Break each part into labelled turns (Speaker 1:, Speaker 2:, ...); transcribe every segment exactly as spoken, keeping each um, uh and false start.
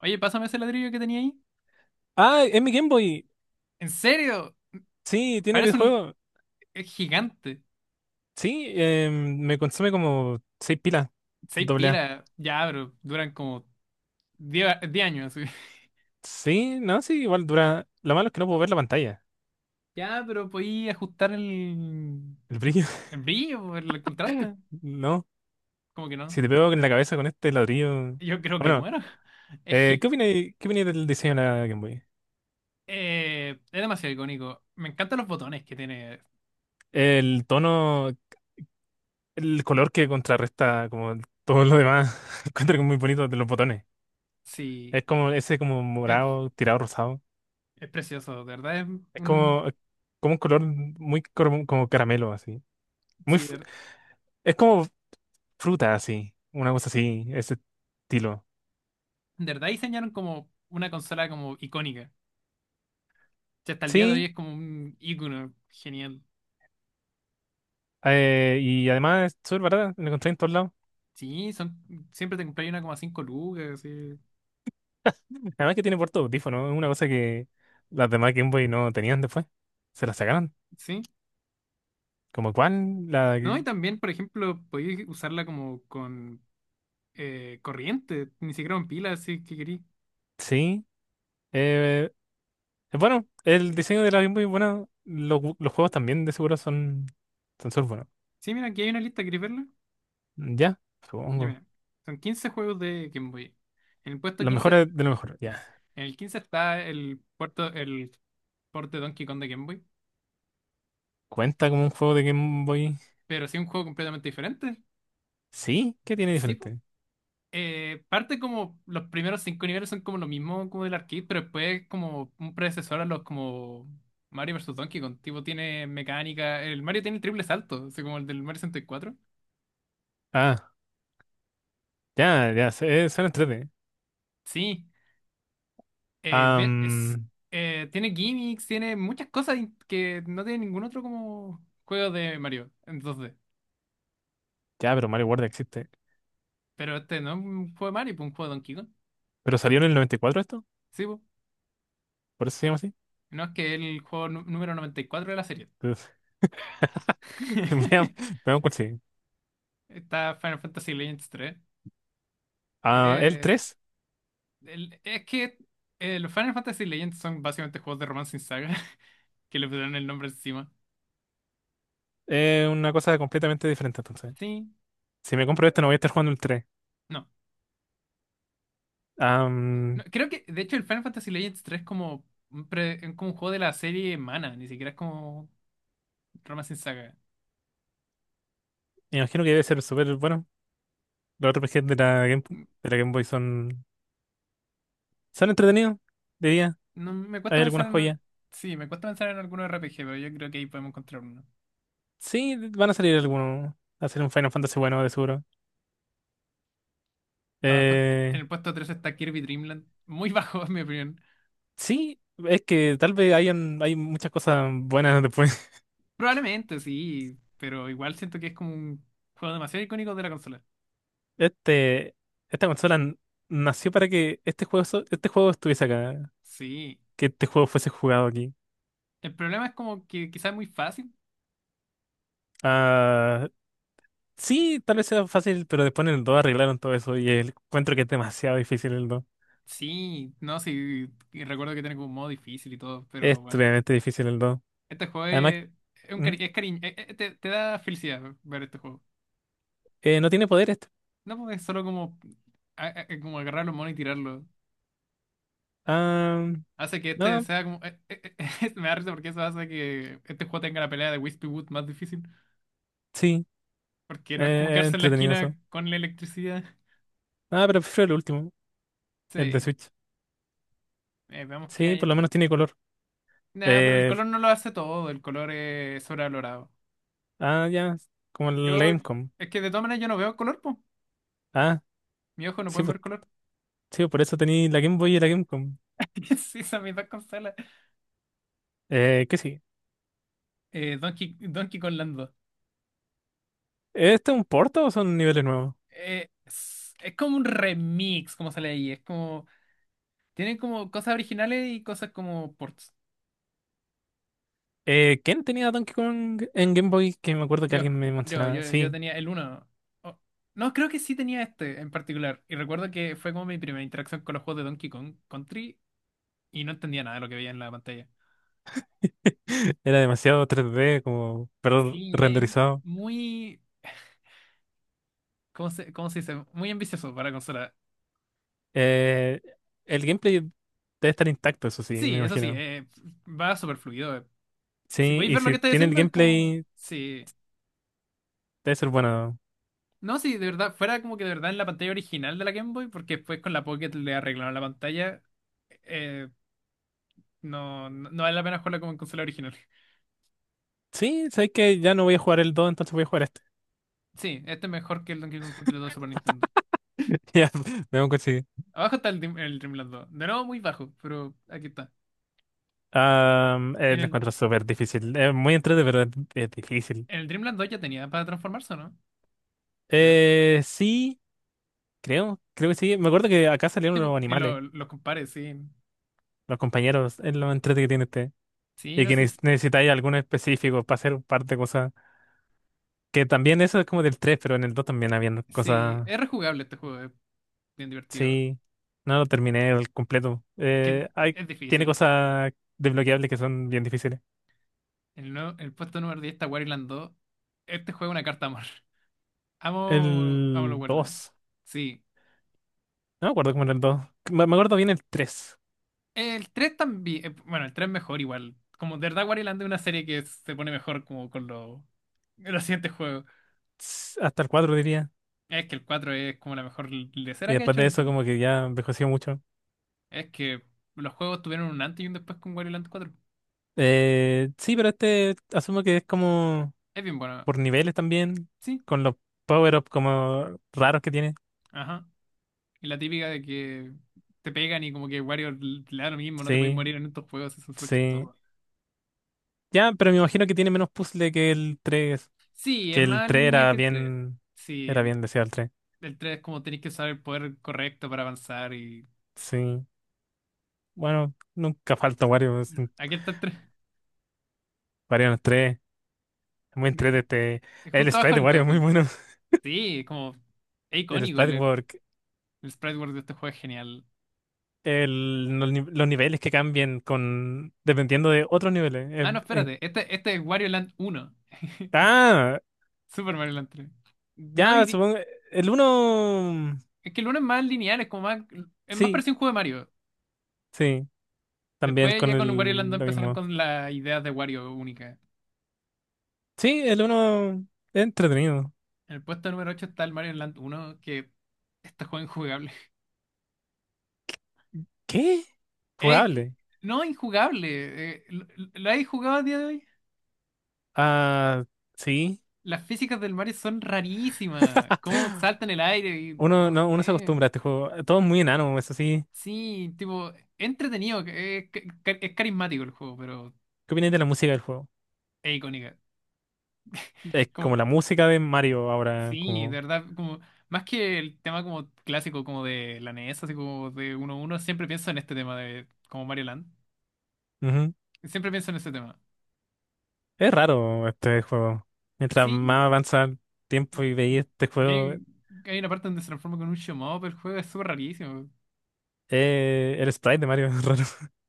Speaker 1: Oye, pásame ese ladrillo que tenía ahí.
Speaker 2: Ah, es mi Game Boy.
Speaker 1: ¿En serio?
Speaker 2: Sí, tiene
Speaker 1: Parece un
Speaker 2: videojuego.
Speaker 1: es gigante.
Speaker 2: Sí, eh, me consume como seis pilas,
Speaker 1: Seis
Speaker 2: doble A.
Speaker 1: pilas. Ya, pero duran como diez, a- diez años. así.
Speaker 2: Sí, no, sí, igual dura. Lo malo es que no puedo ver la pantalla,
Speaker 1: Ya, pero podí ajustar el,
Speaker 2: el brillo.
Speaker 1: el brillo, el contraste.
Speaker 2: No,
Speaker 1: Como que no.
Speaker 2: si te pego en la cabeza con este ladrillo.
Speaker 1: Yo creo que
Speaker 2: Bueno,
Speaker 1: muero. Es,
Speaker 2: eh,
Speaker 1: gi-
Speaker 2: ¿qué opináis, qué opináis del diseño de la Game Boy?
Speaker 1: eh, es demasiado icónico. Me encantan los botones que tiene.
Speaker 2: El tono, el color que contrarresta como todo lo demás. Encuentro que es muy bonito de los botones.
Speaker 1: Sí,
Speaker 2: Es como ese como
Speaker 1: es,
Speaker 2: morado, tirado rosado.
Speaker 1: es precioso. De verdad es
Speaker 2: Es
Speaker 1: un...
Speaker 2: como, como un color muy como, como caramelo, así. Muy,
Speaker 1: Sí, de,
Speaker 2: f-
Speaker 1: ver-
Speaker 2: es como fruta así, una cosa así, ese estilo.
Speaker 1: de verdad diseñaron como una consola como icónica. Si hasta el día de hoy
Speaker 2: Sí,
Speaker 1: es como un icono genial.
Speaker 2: eh, y además es súper barata, la encontré en todos lados.
Speaker 1: Sí, son, Siempre te compráis una como a cinco lucas, sí.
Speaker 2: Además que tiene puerto de audífono, es una cosa que las demás Game Boy no tenían después. Se la sacaron.
Speaker 1: Sí.
Speaker 2: Como cuál la...
Speaker 1: No, y también, por ejemplo, podéis usarla como con eh, corriente, ni siquiera con pilas, si que queréis.
Speaker 2: Sí. Eh, es bueno, el diseño de la Game Boy es bueno. Los, gu- los juegos también de seguro son son súper buenos.
Speaker 1: Sí, mira, aquí hay una lista, ¿queréis verla?
Speaker 2: Ya,
Speaker 1: Ya
Speaker 2: supongo.
Speaker 1: mira, son quince juegos de Game Boy. En el puesto
Speaker 2: Lo mejor
Speaker 1: quince,
Speaker 2: es de lo mejor, ya.
Speaker 1: en el quince está el puerto, el porte Donkey Kong de Game Boy,
Speaker 2: ¿Cuenta como un juego de Game Boy?
Speaker 1: pero sí un juego completamente diferente.
Speaker 2: Sí, ¿qué tiene
Speaker 1: Sí, po.
Speaker 2: diferente?
Speaker 1: Eh, parte como los primeros cinco niveles son como lo mismo como del arcade, pero después como un predecesor a los como Mario vs Donkey Kong, tipo tiene mecánica, el Mario tiene el triple salto, así como el del Mario sesenta y cuatro.
Speaker 2: Ah, ya, ya, se- eh, suena 3.
Speaker 1: Sí, eh, bien, es,
Speaker 2: Am,
Speaker 1: eh, tiene gimmicks, tiene muchas cosas in- que no tiene ningún otro como juego de Mario, entonces,
Speaker 2: ya, pero Mario World existe.
Speaker 1: pero este no es un juego de Mario, pues un juego de Donkey Kong,
Speaker 2: ¿Pero salió en el noventa y cuatro esto?
Speaker 1: sí, pues.
Speaker 2: ¿Por eso se llama así?
Speaker 1: No, es que es el juego nu- número noventa y cuatro de la serie.
Speaker 2: Entonces, Veamos, veamos cuál sigue.
Speaker 1: Está Final Fantasy Legends
Speaker 2: Ah, el
Speaker 1: tres.
Speaker 2: tres
Speaker 1: El- es que eh, los Final Fantasy Legends son básicamente juegos de romance sin saga que le pusieron el nombre encima.
Speaker 2: es una cosa completamente diferente, entonces.
Speaker 1: Sí,
Speaker 2: Si me compro este, no voy a estar jugando el tres.
Speaker 1: no. No,
Speaker 2: Am,
Speaker 1: creo que, de hecho, el Final Fantasy Legends tres es como un, pre- es como un juego de la serie Mana, ni siquiera es como romance sin saga.
Speaker 2: Me imagino que debe ser súper bueno. Los R P Gs de la Game,
Speaker 1: Mm,
Speaker 2: de la Game Boy son, son entretenidos, diría.
Speaker 1: No, me
Speaker 2: Hay
Speaker 1: cuesta pensar
Speaker 2: algunas
Speaker 1: en. al-
Speaker 2: joyas.
Speaker 1: Sí, me cuesta pensar en alguno R P G, pero yo creo que ahí podemos encontrar uno.
Speaker 2: Sí, van a salir algunos. Va a ser un Final Fantasy bueno, de seguro.
Speaker 1: Abajo, en
Speaker 2: Eh,
Speaker 1: el puesto tres está Kirby Dreamland. Muy bajo, en mi opinión.
Speaker 2: sí, es que tal vez hayan, hay muchas cosas buenas después.
Speaker 1: Probablemente, sí, pero igual siento que es como un juego demasiado icónico de la consola.
Speaker 2: Este, esta consola n- nació para que este juego, so- este juego estuviese acá,
Speaker 1: Sí.
Speaker 2: que este juego fuese jugado aquí.
Speaker 1: El problema es como que quizás es muy fácil.
Speaker 2: Ah, sí, tal vez sea fácil, pero después en el dos arreglaron todo eso y el, encuentro que es demasiado difícil el dos.
Speaker 1: Sí, no, sí, y recuerdo que tiene como un modo difícil y todo, pero
Speaker 2: Es
Speaker 1: bueno.
Speaker 2: tremendamente difícil el dos.
Speaker 1: Este juego
Speaker 2: Además,
Speaker 1: es, es un
Speaker 2: ¿Mm?
Speaker 1: cari- es cariño, eh, eh, te, te da felicidad ver este juego.
Speaker 2: eh, no tiene poder este.
Speaker 1: No, porque es solo como, a- a- a- como agarrar los monos y tirarlos.
Speaker 2: Ah,
Speaker 1: Hace que este
Speaker 2: no,
Speaker 1: sea como... eh, eh, eh, me da risa porque eso hace que este juego tenga la pelea de Wispy Wood más difícil.
Speaker 2: sí,
Speaker 1: Porque no es como
Speaker 2: eh, es
Speaker 1: quedarse en la
Speaker 2: entretenido eso.
Speaker 1: esquina con la electricidad.
Speaker 2: Ah, pero prefiero el último, el de
Speaker 1: Sí,
Speaker 2: Switch.
Speaker 1: eh, veamos qué
Speaker 2: Sí, por lo
Speaker 1: hay.
Speaker 2: menos tiene color.
Speaker 1: Nada, pero el
Speaker 2: Eh,
Speaker 1: color no lo hace todo, el color es sobrevalorado.
Speaker 2: ah, ya, como el
Speaker 1: Yo,
Speaker 2: Gamecom.
Speaker 1: es que de todas maneras yo no veo color, po.
Speaker 2: Ah,
Speaker 1: Mis ojos no
Speaker 2: sí,
Speaker 1: pueden
Speaker 2: pues,
Speaker 1: ver color.
Speaker 2: sí, por eso tenía la Game Boy y la Gamecom.
Speaker 1: Sí, son mis dos consolas.
Speaker 2: Eh, que sí.
Speaker 1: Eh, Donkey, Donkey Kong Land dos.
Speaker 2: ¿Este es un porto o son niveles nuevos?
Speaker 1: Eh, es, es como un remix, como sale ahí. Es como. Tienen como cosas originales y cosas como ports.
Speaker 2: Eh, ¿quién tenía Donkey Kong en Game Boy? Que me acuerdo que
Speaker 1: Yo,
Speaker 2: alguien me
Speaker 1: yo,
Speaker 2: mencionaba.
Speaker 1: yo, yo
Speaker 2: Sí.
Speaker 1: tenía el uno. Oh, no, creo que sí tenía este en particular. Y recuerdo que fue como mi primera interacción con los juegos de Donkey Kong Country y no entendía nada de lo que veía en la pantalla.
Speaker 2: Era demasiado tres D, como, pero
Speaker 1: Sí, es
Speaker 2: renderizado.
Speaker 1: muy. ¿Cómo se, cómo se dice? Muy ambicioso para la consola.
Speaker 2: Eh, el gameplay debe estar intacto, eso sí, me
Speaker 1: Sí, eso sí,
Speaker 2: imagino.
Speaker 1: eh, va súper fluido. eh. Si
Speaker 2: Sí,
Speaker 1: podéis
Speaker 2: y
Speaker 1: ver lo que
Speaker 2: si
Speaker 1: estáis
Speaker 2: tiene el
Speaker 1: haciendo, es como.
Speaker 2: gameplay,
Speaker 1: Sí.
Speaker 2: debe ser bueno.
Speaker 1: No, sí, de verdad, fuera como que de verdad en la pantalla original de la Game Boy, porque después con la Pocket le arreglaron la pantalla. eh, no, no, no vale la pena jugarla como en consola original.
Speaker 2: Sí, sabes que ya no voy a jugar el dos entonces voy a jugar este.
Speaker 1: Sí, este es mejor que el Donkey Kong Country dos de Super Nintendo.
Speaker 2: Ya, vemos que sí.
Speaker 1: Abajo está el, Dream- el Dreamland dos. De nuevo, muy bajo, pero aquí está.
Speaker 2: Ah, eh,
Speaker 1: En
Speaker 2: lo
Speaker 1: el,
Speaker 2: encuentro súper difícil. Es muy entretenido, pero es, es difícil.
Speaker 1: en el Dreamland dos ya tenía para transformarse, ¿o no? Creo.
Speaker 2: Eh, sí. Creo, creo que sí. Me acuerdo que acá salieron
Speaker 1: Tipo,
Speaker 2: los
Speaker 1: y
Speaker 2: animales,
Speaker 1: lo- los compares, sí.
Speaker 2: los compañeros, es lo entrete que tiene este.
Speaker 1: Sí,
Speaker 2: Y
Speaker 1: no,
Speaker 2: que
Speaker 1: sí.
Speaker 2: neces- necesitáis alguno específico para hacer un par de cosas. Que también eso es como del tres pero en el dos también habían
Speaker 1: Sí,
Speaker 2: cosas.
Speaker 1: es rejugable este juego, es bien divertido.
Speaker 2: Sí, no lo terminé el completo.
Speaker 1: Es que
Speaker 2: Eh, hay,
Speaker 1: es
Speaker 2: tiene
Speaker 1: difícil.
Speaker 2: cosas desbloqueables que son bien difíciles.
Speaker 1: El, nue- el puesto número diez está Wario dos. Este juego es una carta de amor. Amo, amo los
Speaker 2: El
Speaker 1: Wario.
Speaker 2: dos
Speaker 1: Sí.
Speaker 2: no me acuerdo cómo era el dos. Me, me acuerdo bien el tres.
Speaker 1: El tres también. eh, Bueno, el tres mejor igual. Como de verdad Wario es una serie que se pone mejor como con los los siguientes juegos.
Speaker 2: S- hasta el cuatro diría.
Speaker 1: Es que el cuatro es como la mejor
Speaker 2: Y
Speaker 1: lecera que ha
Speaker 2: después
Speaker 1: hecho
Speaker 2: de eso
Speaker 1: Nintendo.
Speaker 2: como que ya envejeció mucho.
Speaker 1: Es que los juegos tuvieron un antes y un después con Wario cuatro.
Speaker 2: Eh, sí, pero este asumo que es como
Speaker 1: Es bien bueno.
Speaker 2: por niveles también,
Speaker 1: Sí.
Speaker 2: con los power-ups como raros que tiene.
Speaker 1: Ajá. Y la típica de que te pegan y como que Wario le da lo mismo, no te podéis
Speaker 2: Sí,
Speaker 1: morir en estos juegos, eso es súper
Speaker 2: sí.
Speaker 1: chistoso.
Speaker 2: Ya, pero me imagino que tiene menos puzzle que el tres.
Speaker 1: Sí, es
Speaker 2: que el
Speaker 1: más
Speaker 2: tres
Speaker 1: lineal
Speaker 2: era
Speaker 1: que el tres.
Speaker 2: bien,
Speaker 1: Sí,
Speaker 2: era
Speaker 1: el,
Speaker 2: bien deseado el tres.
Speaker 1: el tres es como tenéis que usar el poder correcto para avanzar y...
Speaker 2: Sí. Bueno, nunca falta Wario, es un-
Speaker 1: Aquí está el tres.
Speaker 2: Wario en el tres. Es muy
Speaker 1: De-
Speaker 2: entrete este.
Speaker 1: de
Speaker 2: El
Speaker 1: justo abajo
Speaker 2: sprite de
Speaker 1: el
Speaker 2: Wario
Speaker 1: dos
Speaker 2: es muy
Speaker 1: del-
Speaker 2: bueno.
Speaker 1: Sí, es como... Es
Speaker 2: El
Speaker 1: icónico,
Speaker 2: sprite
Speaker 1: el,
Speaker 2: work.
Speaker 1: el sprite world de este juego es genial.
Speaker 2: El, los, ni- los niveles que cambian con dependiendo de otros niveles. Eh,
Speaker 1: Ah, no,
Speaker 2: en-
Speaker 1: espérate. Este, este es Wario Land uno.
Speaker 2: ah,
Speaker 1: Super Mario Land tres. No
Speaker 2: ya,
Speaker 1: diría...
Speaker 2: supongo. El uno.
Speaker 1: Es que el uno es más lineal, es como más... Es más
Speaker 2: Sí,
Speaker 1: parecido a un juego de Mario.
Speaker 2: sí.
Speaker 1: Y
Speaker 2: También
Speaker 1: después
Speaker 2: con
Speaker 1: ya con Wario Land dos
Speaker 2: el lo
Speaker 1: empezaron
Speaker 2: mismo.
Speaker 1: con las ideas de Wario única.
Speaker 2: Sí, el uno es entretenido.
Speaker 1: En el puesto número ocho está el Mario Land uno que... Este juego es injugable.
Speaker 2: ¿Qué?
Speaker 1: Es
Speaker 2: Jugable.
Speaker 1: no injugable. eh, ¿lo, lo habéis jugado a día de hoy?
Speaker 2: Ah, sí.
Speaker 1: Las físicas del Mario son rarísimas. Cómo salta en el aire y
Speaker 2: Uno
Speaker 1: no
Speaker 2: no, uno se
Speaker 1: sé.
Speaker 2: acostumbra a este juego. Todo es muy enano, eso sí.
Speaker 1: Sí, tipo, entretenido. eh, Es, es carismático el juego, pero
Speaker 2: ¿Qué opinas de la música del juego?
Speaker 1: es icónica. Es
Speaker 2: Es como
Speaker 1: como,
Speaker 2: la música de Mario ahora,
Speaker 1: sí, de
Speaker 2: como.
Speaker 1: verdad, como más que el tema como clásico como de la N E S, así como de 1 uno siempre pienso en este tema de como Mario Land.
Speaker 2: Ujú.
Speaker 1: Siempre pienso en ese tema.
Speaker 2: Es raro este juego. Mientras
Speaker 1: Sí,
Speaker 2: más avanza el tiempo y veis este
Speaker 1: y
Speaker 2: juego,
Speaker 1: hay, hay una parte donde se transforma con un shmup, el juego es súper rarísimo.
Speaker 2: eh, el sprite de Mario es raro.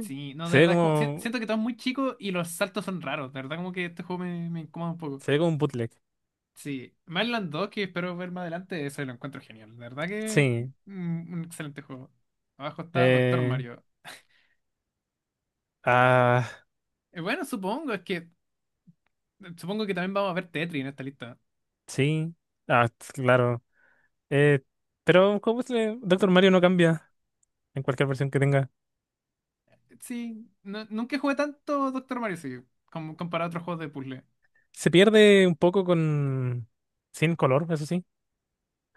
Speaker 1: Sí, no, de
Speaker 2: Se ve
Speaker 1: verdad, es como, si-
Speaker 2: como.
Speaker 1: siento que todo es muy chico y los saltos son raros, de verdad como que este juego me, me incomoda un poco.
Speaker 2: Se ve como un bootleg.
Speaker 1: Sí, Mainland dos, que espero ver más adelante, eso lo encuentro genial, de verdad que
Speaker 2: Sí.
Speaker 1: mm, un excelente juego. Abajo está Doctor
Speaker 2: Eh,
Speaker 1: Mario.
Speaker 2: ah,
Speaker 1: Eh, bueno, supongo, es que supongo que también vamos a ver Tetris en esta lista.
Speaker 2: sí, ah, t- claro. Eh, pero ¿cómo se le- Doctor Mario no cambia en cualquier versión que tenga.
Speaker 1: Sí, no- nunca jugué tanto Doctor Mario, sí, como comparado a otros juegos de puzzle.
Speaker 2: Se pierde un poco con... Sin color, eso sí.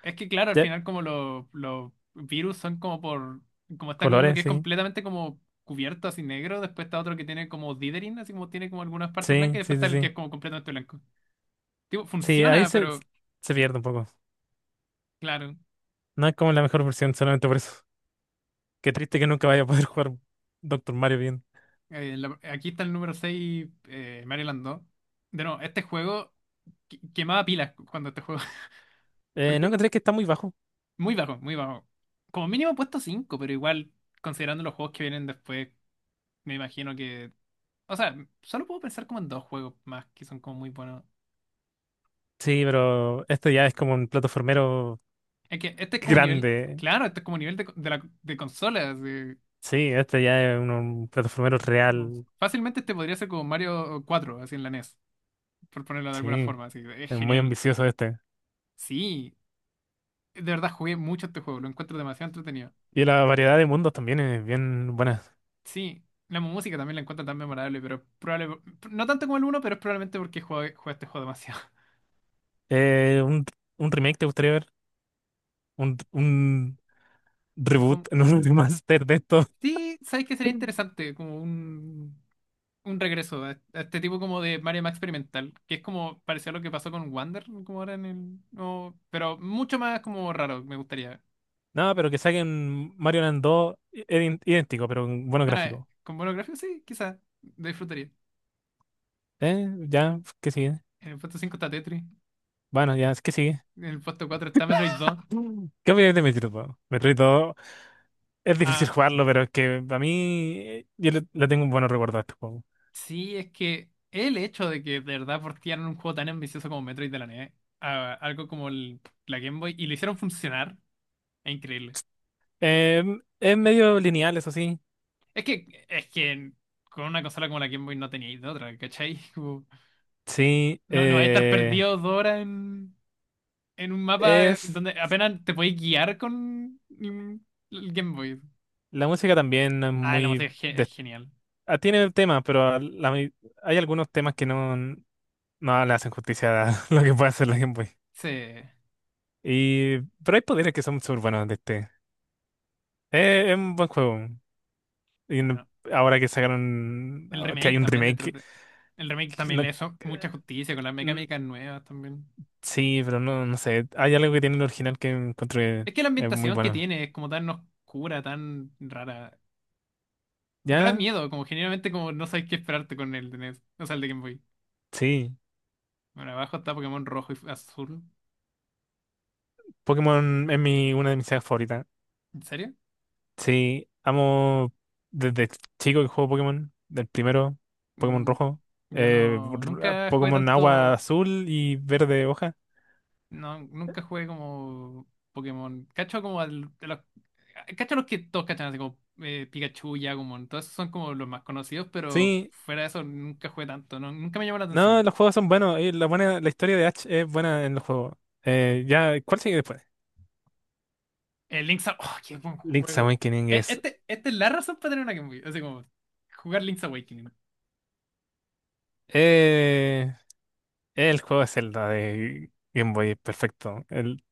Speaker 1: Es que claro, al
Speaker 2: Ya,
Speaker 1: final como los, los virus son como por, como está como uno que
Speaker 2: colores,
Speaker 1: es
Speaker 2: sí.
Speaker 1: completamente como cubierto así negro, después está otro que tiene como dithering, así como tiene como algunas partes blancas,
Speaker 2: Sí,
Speaker 1: y después
Speaker 2: sí,
Speaker 1: está
Speaker 2: sí,
Speaker 1: el que
Speaker 2: sí.
Speaker 1: es como completamente blanco. Tipo,
Speaker 2: Sí, ahí
Speaker 1: funciona,
Speaker 2: se,
Speaker 1: pero
Speaker 2: se pierde un poco.
Speaker 1: claro.
Speaker 2: No es como la mejor versión, solamente por eso. Qué triste que nunca vaya a poder jugar Doctor Mario bien.
Speaker 1: Eh, la- aquí está el número seis eh, Maryland dos. De nuevo, este juego qui- quemaba pilas cuando este juego,
Speaker 2: Eh, ¿no
Speaker 1: porque
Speaker 2: encontré que está muy bajo?
Speaker 1: muy bajo, muy bajo. Como mínimo he puesto cinco pero igual, considerando los juegos que vienen después, me imagino que. O sea, solo puedo pensar como en dos juegos más que son como muy buenos.
Speaker 2: Sí, pero este ya es como un plataformero
Speaker 1: Es que este es como nivel.
Speaker 2: grande.
Speaker 1: Claro, este es como nivel de, co- de la, de consola. Así,
Speaker 2: Sí, este ya es un, un plataformero
Speaker 1: como-
Speaker 2: real.
Speaker 1: fácilmente este podría ser como Mario cuatro así en la N E S, por ponerlo de alguna
Speaker 2: Sí,
Speaker 1: forma. Así, es
Speaker 2: es muy
Speaker 1: genial.
Speaker 2: ambicioso este.
Speaker 1: Sí, de verdad jugué mucho este juego, lo encuentro demasiado entretenido.
Speaker 2: Y la variedad de mundos también es bien buena.
Speaker 1: Sí, la música también la encuentro tan memorable, pero probable, no tanto como el uno, pero es probablemente porque jugué, jugué este juego demasiado.
Speaker 2: Eh, un, un remake te gustaría ver, un, un
Speaker 1: Como-
Speaker 2: reboot, no, un remaster de esto.
Speaker 1: sí, sabes que sería interesante, como un un regreso a, a este tipo como de Mario Max experimental, que es como parecido a lo que pasó con Wander, como ahora en el... no, pero mucho más como raro, me gustaría.
Speaker 2: No, pero que saquen Mario Land dos i- idén- idéntico, pero con buenos
Speaker 1: Ah,
Speaker 2: gráficos.
Speaker 1: con buenos gráficos, sí, quizás, lo disfrutaría.
Speaker 2: ¿Eh? Ya, ¿qué sigue?
Speaker 1: En el puesto cinco está Tetris,
Speaker 2: Bueno, ya, ¿qué sigue?
Speaker 1: en el puesto cuatro está Metroid dos.
Speaker 2: Mm. ¿Qué opináis de Metroid dos? Metroid dos es
Speaker 1: Ah,
Speaker 2: difícil jugarlo, pero es que a mí eh, yo le, le tengo un buen recuerdo a este juego.
Speaker 1: sí, es que el hecho de que de verdad portearon un juego tan ambicioso como Metroid de la N E S a algo como el- la Game Boy y lo hicieron funcionar, es increíble.
Speaker 2: Em, es medio lineal, eso sí.
Speaker 1: Es que, es que con una consola como la Game Boy no teníais de otra, ¿cachai?
Speaker 2: Sí,
Speaker 1: No, no, estar
Speaker 2: eh,
Speaker 1: perdido dos horas en, en un mapa
Speaker 2: es...
Speaker 1: donde apenas te podéis guiar con mm, el Game Boy.
Speaker 2: La música también es
Speaker 1: Ah, el
Speaker 2: muy...
Speaker 1: Amazon es, ge- es genial.
Speaker 2: Ah, tiene temas, pero a la mi- hay algunos temas que no, no le hacen justicia a lo que puede hacer la Game Boy.
Speaker 1: Sí.
Speaker 2: Y, pero hay poderes que son súper buenos de este. Eh, es un buen juego. Y no-
Speaker 1: Bueno,
Speaker 2: Ahora que sacaron,
Speaker 1: el
Speaker 2: que
Speaker 1: remake
Speaker 2: hay un
Speaker 1: también de
Speaker 2: remake,
Speaker 1: tres D. El remake
Speaker 2: que
Speaker 1: también
Speaker 2: no-
Speaker 1: le hizo mucha justicia con las
Speaker 2: mm,
Speaker 1: mecánicas nuevas también.
Speaker 2: sí, pero no, no sé. Hay algo que tiene el original que encontré
Speaker 1: Es que la
Speaker 2: es muy
Speaker 1: ambientación que
Speaker 2: bueno.
Speaker 1: tiene es como tan oscura, tan rara. Da
Speaker 2: ¿Ya?
Speaker 1: miedo, como generalmente como no sabes qué esperarte con el de N E S. O sea, el de Game Boy.
Speaker 2: Sí.
Speaker 1: Bueno, abajo está Pokémon rojo y azul.
Speaker 2: Pokémon es mi, una de mis sagas favoritas.
Speaker 1: ¿En serio?
Speaker 2: Sí, amo desde chico que juego Pokémon, del primero, Pokémon
Speaker 1: Mm,
Speaker 2: rojo,
Speaker 1: yo
Speaker 2: eh,
Speaker 1: no,
Speaker 2: r- ah,
Speaker 1: nunca jugué
Speaker 2: Pokémon agua
Speaker 1: tanto.
Speaker 2: azul y verde hoja.
Speaker 1: No, nunca jugué como Pokémon. Cacho como al, de los, cacho los que todos cachan, así como eh, Pikachu, Yagumon. Todos esos son como los más conocidos, pero
Speaker 2: Sí,
Speaker 1: fuera de eso nunca jugué tanto, ¿no? Nunca me llamó la
Speaker 2: no,
Speaker 1: atención.
Speaker 2: los juegos son buenos, y la buena, la historia de Ash es buena en los juegos. Eh, ya, ¿cuál sigue después?
Speaker 1: El Link's Awakening, oh, qué buen
Speaker 2: Link's
Speaker 1: juego.
Speaker 2: Awakening
Speaker 1: E-
Speaker 2: es
Speaker 1: Este, esta es la razón para tener una Game Boy, así como jugar Link's Awakening.
Speaker 2: eh, el juego de Zelda de Game Boy, perfecto. El,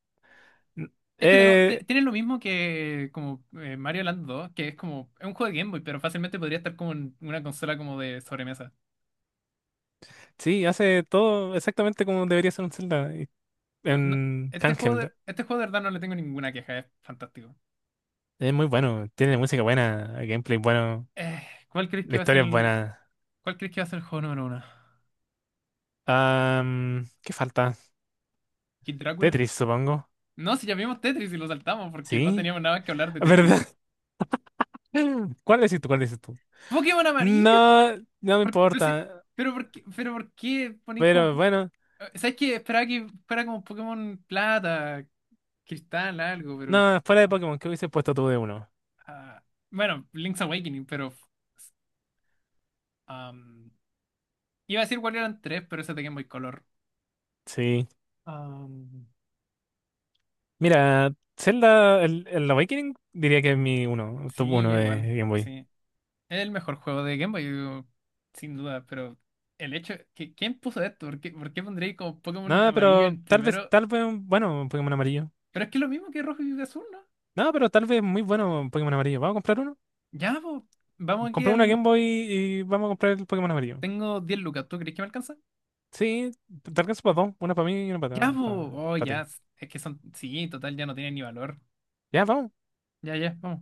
Speaker 1: Es que de nuevo, te-
Speaker 2: eh,
Speaker 1: tiene lo mismo que como eh, Mario Land dos que es como, es un juego de Game Boy, pero fácilmente podría estar como en una consola como de sobremesa.
Speaker 2: sí, hace todo exactamente como debería ser un Zelda, y-
Speaker 1: No, no,
Speaker 2: en
Speaker 1: este juego
Speaker 2: handheld.
Speaker 1: de, este juego de verdad no le tengo ninguna queja, es fantástico.
Speaker 2: Es muy bueno, tiene música buena, gameplay bueno,
Speaker 1: Eh, ¿cuál crees que
Speaker 2: la
Speaker 1: va a ser
Speaker 2: historia es
Speaker 1: el,
Speaker 2: buena.
Speaker 1: cuál crees que va a ser el juego número uno?
Speaker 2: Am, ¿qué falta?
Speaker 1: ¿Kid Drácula?
Speaker 2: Tetris, supongo.
Speaker 1: No, si llamamos Tetris y lo saltamos porque no
Speaker 2: ¿Sí?
Speaker 1: teníamos nada que hablar de Tetris.
Speaker 2: ¿Verdad? ¿Cuál decís tú? ¿Cuál decís tú?
Speaker 1: ¡Pokémon amarillo!
Speaker 2: No, no me
Speaker 1: ¿Por- pero, si-
Speaker 2: importa.
Speaker 1: pero por qué, pero por qué ponéis como...
Speaker 2: Pero bueno,
Speaker 1: eh, ¿Sabes qué? Esperaba que fuera como Pokémon Plata, Cristal, algo, pero...
Speaker 2: no, fuera de
Speaker 1: ah,
Speaker 2: Pokémon, ¿qué hubiese puesto tú de uno?
Speaker 1: ah, bueno, Link's Awakening, pero... am, iba a decir Wario Land tres, pero ese tenía muy color.
Speaker 2: Sí.
Speaker 1: Am,
Speaker 2: Mira, Zelda, el, el Awakening diría que es mi uno, top
Speaker 1: sí, yo
Speaker 2: uno de
Speaker 1: igual,
Speaker 2: Game Boy.
Speaker 1: sí. Es el mejor juego de Game Boy, sin duda, pero el hecho, que, ¿quién puso esto? ¿Por qué, por qué pondréis como Pokémon
Speaker 2: No,
Speaker 1: amarillo
Speaker 2: pero
Speaker 1: en
Speaker 2: tal vez,
Speaker 1: primero?
Speaker 2: tal vez, un- bueno, un Pokémon amarillo.
Speaker 1: Pero es que es lo mismo que rojo y azul, ¿no?
Speaker 2: No, pero tal vez muy bueno un Pokémon amarillo. ¿Vamos a comprar uno?
Speaker 1: Ya, po, vamos aquí
Speaker 2: Compré una
Speaker 1: al...
Speaker 2: Game Boy y vamos a comprar el Pokémon amarillo.
Speaker 1: Tengo diez lucas, ¿tú crees que me alcanza?
Speaker 2: Sí, te alcanzo para dos. Una para mí y una
Speaker 1: Ya, po,
Speaker 2: para
Speaker 1: oh,
Speaker 2: ti.
Speaker 1: ya, es que son... Sí, total, ya no tienen ni valor.
Speaker 2: Ya, vamos.
Speaker 1: Ya, ya, vamos.